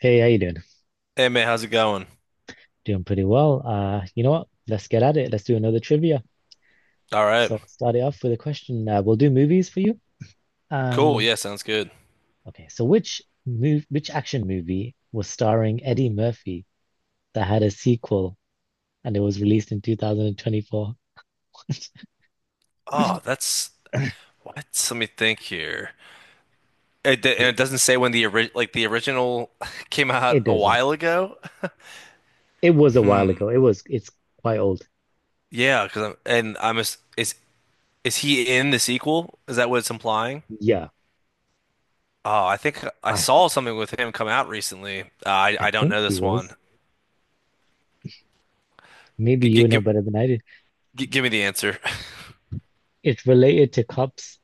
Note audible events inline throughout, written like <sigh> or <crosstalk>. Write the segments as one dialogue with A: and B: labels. A: Hey, how you doing?
B: Hey man, how's it going?
A: Doing pretty well. You know what? Let's get at it. Let's do another trivia.
B: All right.
A: So I'll start it off with a question. We'll do movies for you.
B: Cool.
A: Um,
B: Yeah, sounds good.
A: okay. So which move, which action movie was starring Eddie Murphy that had a sequel and it was released in 2024? <laughs>
B: Oh, that's what? Let me think here. And it doesn't say when the ori like the original <laughs> came out
A: It
B: a
A: doesn't.
B: while ago.
A: It was a while ago. It was. It's quite old.
B: Yeah, 'cause I'm is he in the sequel? Is that what it's implying?
A: Yeah,
B: Oh, I think I
A: I
B: saw something with him come out recently. I
A: I
B: I don't
A: think
B: know
A: he
B: this one.
A: was. Maybe
B: G g
A: you know
B: give
A: better than I did.
B: Give me the answer. <laughs>
A: It's related to cops,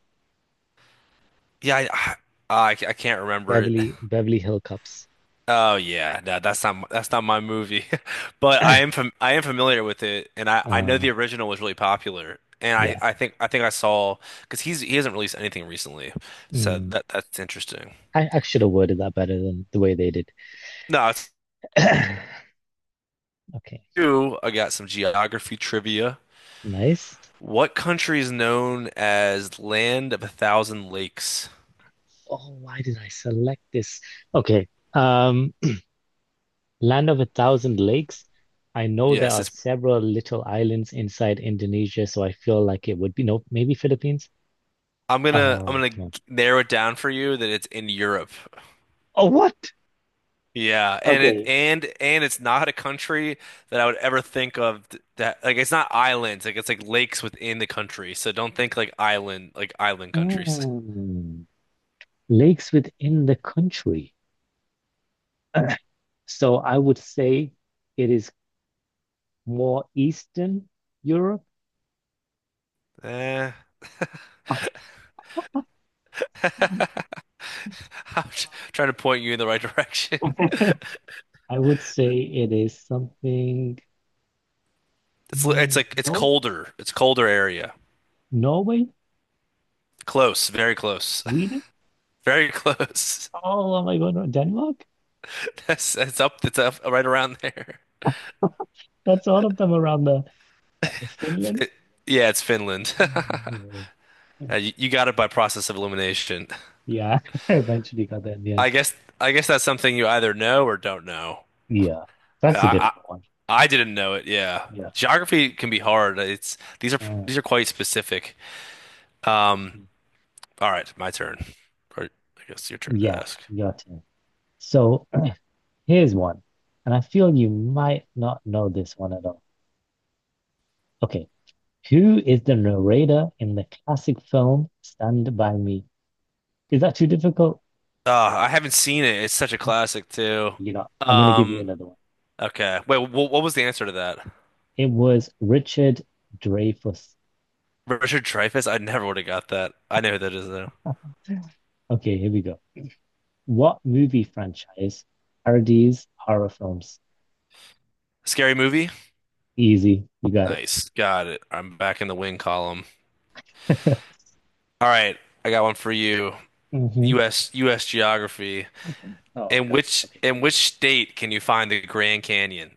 B: Yeah, I can't remember it.
A: Beverly Hill Cops.
B: Oh yeah, no, that's not my movie, <laughs> but
A: <coughs> <clears throat>
B: I am familiar with it, and I know
A: Uh,
B: the original was really popular, and
A: yeah.
B: I think I think I saw because he hasn't released anything recently, so that's interesting.
A: I should have worded that better than the way they did.
B: No, it's
A: <clears throat> Okay,
B: two. I got some geography trivia.
A: nice.
B: What country is known as Land of a Thousand Lakes?
A: Oh, why did I select this? Okay. Um, <clears throat> Land of a Thousand Lakes. I know there
B: Yes,
A: are
B: it's
A: several little islands inside Indonesia, so I feel like it would be no, maybe Philippines.
B: I'm
A: Oh,
B: gonna
A: come on.
B: narrow it down for you that it's in Europe.
A: Oh, what?
B: Yeah, and it
A: Okay.
B: and it's not a country that I would ever think of that, like it's not islands, like it's like lakes within the country. So don't think like island, like island countries. <laughs>
A: Mm, Lakes within the country. <clears throat> So I would say it is more Eastern Europe.
B: Eh, <laughs> I'm trying to point you in the right <laughs> direction.
A: <laughs> I would say it is something.
B: It's like it's
A: No,
B: colder. It's colder area.
A: Norway,
B: Close, very close.
A: Sweden.
B: <laughs> Very close.
A: Oh, am I going to Denmark?
B: <laughs> That's up right around there. <laughs>
A: That's all of them around the Finland.
B: It,
A: <laughs>
B: yeah, it's Finland.
A: Oh,
B: <laughs>
A: no way.
B: You, you got it by process of elimination.
A: Yeah, <laughs> I eventually got there in the
B: <laughs>
A: end.
B: I guess I guess that's something you either know or don't know.
A: Yeah, that's a
B: I,
A: difficult one.
B: I didn't know it. Yeah.
A: Yeah.
B: Geography can be hard. It's
A: Mm.
B: these are quite specific. Um, all right, my turn. Or I guess your turn to
A: Yeah,
B: ask.
A: your turn. So <clears throat> here's one, and I feel you might not know this one at all. Okay, who is the narrator in the classic film Stand By Me? Is that too difficult?
B: I haven't seen it. It's such a classic too.
A: You know, I'm going to give you
B: Um,
A: another one.
B: okay. Wait, wh what was the answer to that?
A: It was Richard Dreyfuss.
B: Richard Dreyfuss? I never would have got that. I know who that is though.
A: Okay, here we go. What movie franchise parodies horror films?
B: Scary movie?
A: Easy. You got it.
B: Nice. Got it. I'm back in the win column.
A: <laughs>
B: All right, I got one for you.
A: hmm.
B: U.S. geography.
A: Oh,
B: In
A: God.
B: which
A: Okay.
B: in which state can you find the Grand Canyon?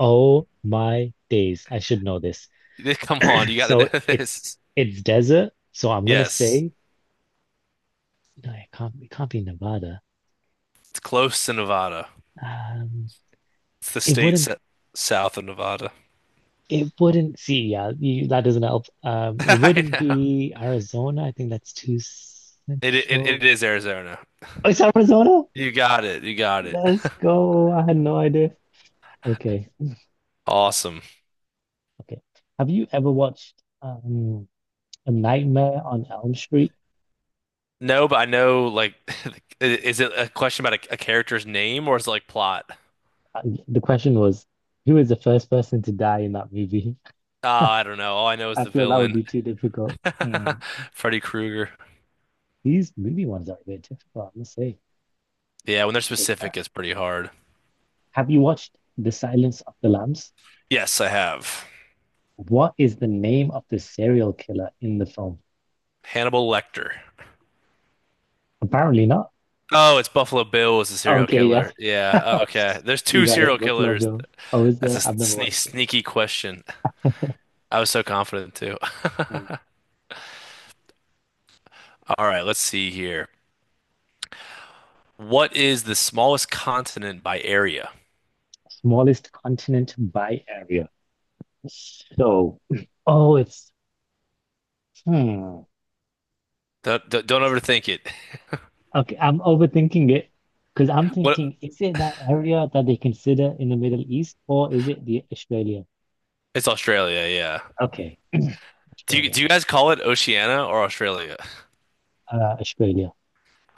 A: Oh my days. I should know this.
B: <laughs> Come on, you got to
A: So
B: know this.
A: it's desert. So I'm gonna
B: Yes,
A: say no, it can't be Nevada.
B: it's close to Nevada.
A: Um
B: It's the
A: it
B: state
A: wouldn't
B: south of Nevada.
A: it wouldn't see yeah, you, that doesn't help.
B: <laughs>
A: It
B: I
A: wouldn't
B: know.
A: be Arizona. I think that's too
B: It
A: central.
B: is Arizona.
A: Oh, it's Arizona?
B: You got it. You got it.
A: Let's
B: <laughs>
A: go. I had no idea. Okay,
B: Awesome.
A: okay. Have you ever watched A Nightmare on Elm Street?
B: No, but I know, like <laughs> is it a question about a character's name, or is it like plot?
A: Uh, the question was, who is the first person to die in that movie?
B: Oh, I don't know. All I know
A: <laughs>
B: is
A: I
B: the
A: feel that would
B: villain.
A: be too difficult.
B: <laughs>
A: Hmm.
B: Freddy Krueger.
A: These movie ones are a bit difficult, I must say.
B: Yeah, when they're
A: Okay,
B: specific, it's pretty hard.
A: have you watched The Silence of the Lambs?
B: Yes, I have.
A: What is the name of the serial killer in the film?
B: Hannibal Lecter.
A: Apparently not.
B: Oh, it's Buffalo Bill was the serial
A: Okay, yeah.
B: killer. Yeah, oh, okay.
A: <laughs>
B: There's
A: You
B: two
A: got it.
B: serial
A: Buffalo
B: killers.
A: Bill. Oh, is
B: That's a
A: there? I've never watched it.
B: sneaky question. I was so confident too. <laughs>
A: Mm.
B: All right, let's see here. What is the smallest continent by area?
A: Smallest continent by area. So, oh, it's hmm.
B: Don't don't overthink it.
A: Okay, I'm overthinking it because I'm
B: What?
A: thinking, is it that area that they consider in the Middle East or is it the Australia?
B: It's Australia, yeah.
A: Okay, <clears throat> Australia.
B: Do you guys call it Oceania or Australia?
A: Australia.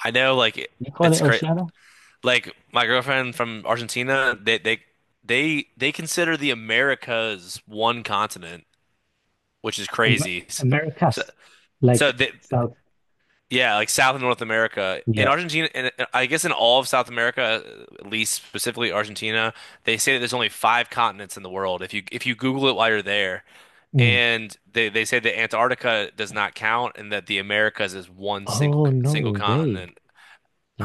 B: I know, like
A: You call
B: it's
A: it
B: great.
A: Oceania?
B: Like my girlfriend from Argentina, they consider the Americas one continent, which is
A: Amer
B: crazy. So
A: Americas,
B: So
A: like
B: the
A: South.
B: yeah, like South and North America in
A: Yeah.
B: Argentina, and I guess in all of South America, at least specifically Argentina, they say that there's only five continents in the world. If you Google it while you're there,
A: Mm.
B: and they say that Antarctica does not count, and that the Americas is one
A: Oh,
B: single
A: no way.
B: continent.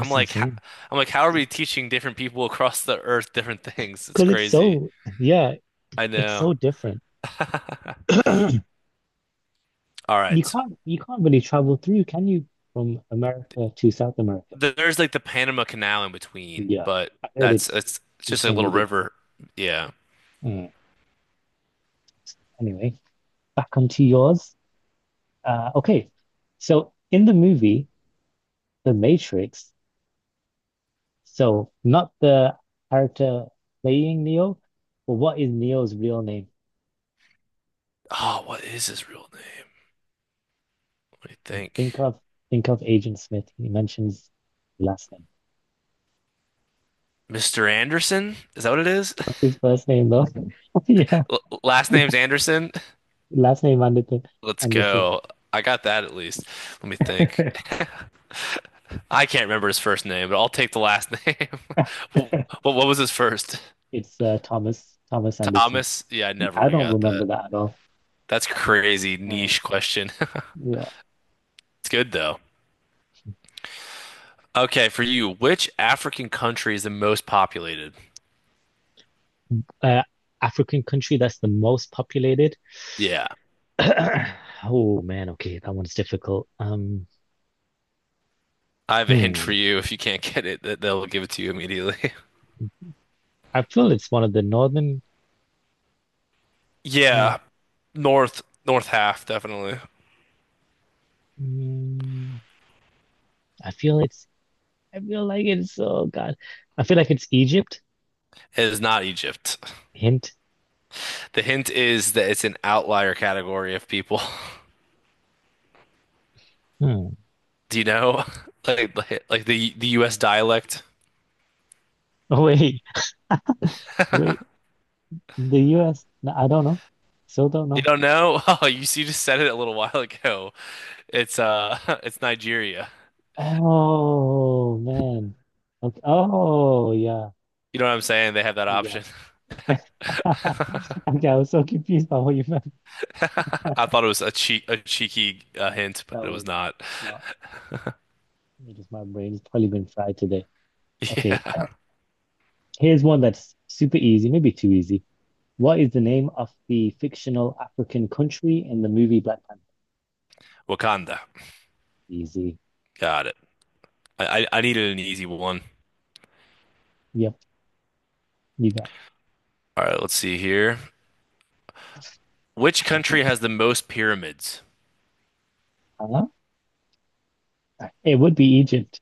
B: I'm like, how,
A: insane.
B: I'm like, how are we teaching different people <laughs> across the earth different things? It's
A: Because
B: crazy.
A: yeah,
B: I
A: it's
B: know.
A: so different. <clears throat>
B: All right,
A: You can't really travel through, can you, from America to South America?
B: There's like the Panama Canal in between,
A: Yeah,
B: but
A: I heard
B: that's
A: it's
B: it's just a
A: insanely
B: little
A: difficult.
B: river. Yeah.
A: Mm. Anyway, back onto yours. Okay, so in the movie The Matrix, so not the character playing Neo, but what is Neo's real name?
B: Oh, what is his real name? What do you think?
A: Think of think of Agent Smith. He mentions last name.
B: Mr. Anderson? Is that what it is? <laughs>
A: What's his first name though? <laughs> Yeah,
B: L last name's Anderson?
A: last name Anderson.
B: Let's
A: Anderson. <laughs>
B: go. I got that at least. Let me think. <laughs> I can't remember his first name, but I'll take the last <laughs> name. What, what was his first?
A: It's Thomas Anderson.
B: Thomas? Yeah, I never
A: I
B: would have
A: don't
B: got that.
A: remember that at all.
B: That's crazy
A: Mm.
B: niche question. <laughs>
A: Yeah.
B: It's good though. Okay, for you, which African country is the most populated?
A: Uh, African country that's the most populated.
B: Yeah.
A: <clears throat> Oh man, okay, that one's difficult.
B: I have a hint for
A: Hmm.
B: you. If you can't <laughs> get it, they'll give it to you immediately. <laughs>
A: I feel it's one of the northern. Uh,
B: Yeah, north half definitely.
A: mm, I feel it's. I feel like it's. Oh God, I feel like it's Egypt.
B: It is not Egypt.
A: Hint.
B: The hint is that it's an outlier category of people.
A: Hmm. <laughs>
B: <laughs> Do you know? <laughs> Like the US dialect.
A: Oh wait, wait. The U.S. No, I don't know. Still don't
B: You
A: know.
B: don't know? <laughs> Oh, you just said it a little <laughs> while ago. It's <laughs> it's Nigeria.
A: Oh man. Okay. Oh yeah,
B: You know what I'm saying? They have that
A: yeah.
B: option. <laughs>
A: <laughs> Okay, I was so confused by what you meant.
B: I thought it was a cheeky hint, but
A: That
B: it
A: was
B: was not. <laughs>
A: smart. It was my brain's probably been fried today. Okay,
B: Yeah.
A: here's one that's super easy, maybe too easy. What is the name of the fictional African country in the movie Black Panther?
B: Wakanda.
A: Easy.
B: Got it. I needed an easy one.
A: Yep, you got it.
B: All right, let's see here. Which country has the most pyramids?
A: Huh? It would be Egypt.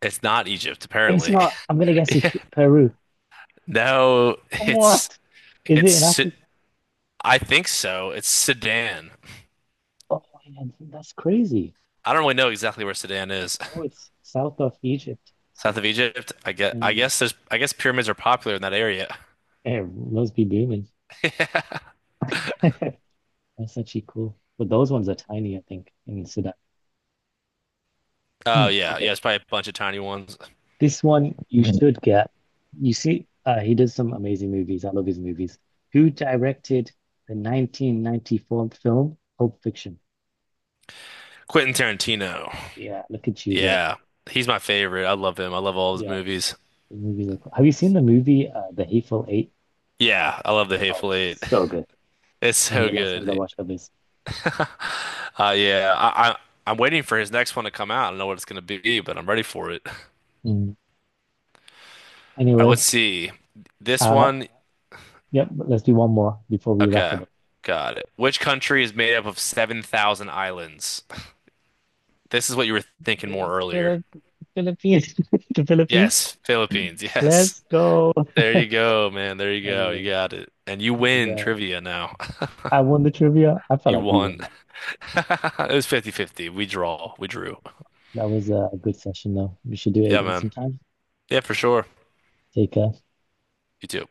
B: It's not Egypt,
A: It's
B: apparently. <laughs>
A: not. I'm gonna guess it's
B: Yeah.
A: P Peru.
B: No, it's
A: What? Is it in
B: it's
A: Africa?
B: I think so. It's Sudan.
A: Oh, man, that's crazy.
B: I don't really know exactly where Sudan is.
A: Oh, it's south of Egypt.
B: <laughs> South of Egypt.
A: Mm,
B: I guess pyramids are popular in that area.
A: it must be booming. <laughs> Masachiko. But those ones are tiny, I think, in Sudan.
B: Oh yeah, yeah,
A: Okay.
B: it's probably a bunch of tiny ones.
A: This one you Mhm. should get. You see, he does some amazing movies. I love his movies. Who directed the 1994 film Pulp Fiction?
B: Quentin Tarantino.
A: Yeah, look at you go.
B: Yeah. He's my favorite. I love him. I love all his
A: Yeah,
B: movies.
A: his movies are cool. Have you seen the movie The Hateful Eight?
B: Yeah, I love The
A: Oh,
B: Hateful Eight.
A: so
B: <laughs>
A: good.
B: It's
A: One of
B: so
A: the last ones I
B: good.
A: watched of this.
B: Yeah, I'm waiting for his next one to come out. I don't know what it's gonna be, but I'm ready for it. <laughs>
A: Mm.
B: All right, let's
A: Anyway,
B: see. This
A: uh,
B: one,
A: yep, let's do one more before we wrap
B: okay,
A: it up.
B: got it. Which country is made up of 7,000 islands? This is what you were thinking
A: Phil-
B: more earlier.
A: Phil- Philippines. <laughs> The Philippines.
B: Yes, Philippines. <laughs> Yes.
A: Let's go.
B: There
A: <laughs>
B: you go, man. There you go. You
A: Anyway,
B: got it. And you
A: that was
B: win trivia now. <laughs>
A: I won the trivia. I felt
B: You
A: like you
B: won.
A: won
B: <laughs>
A: that.
B: It was fifty-fifty. We draw. We drew.
A: That was a good session though. We should do it
B: Yeah,
A: again
B: man.
A: sometime.
B: Yeah, for sure.
A: Take care.
B: You too.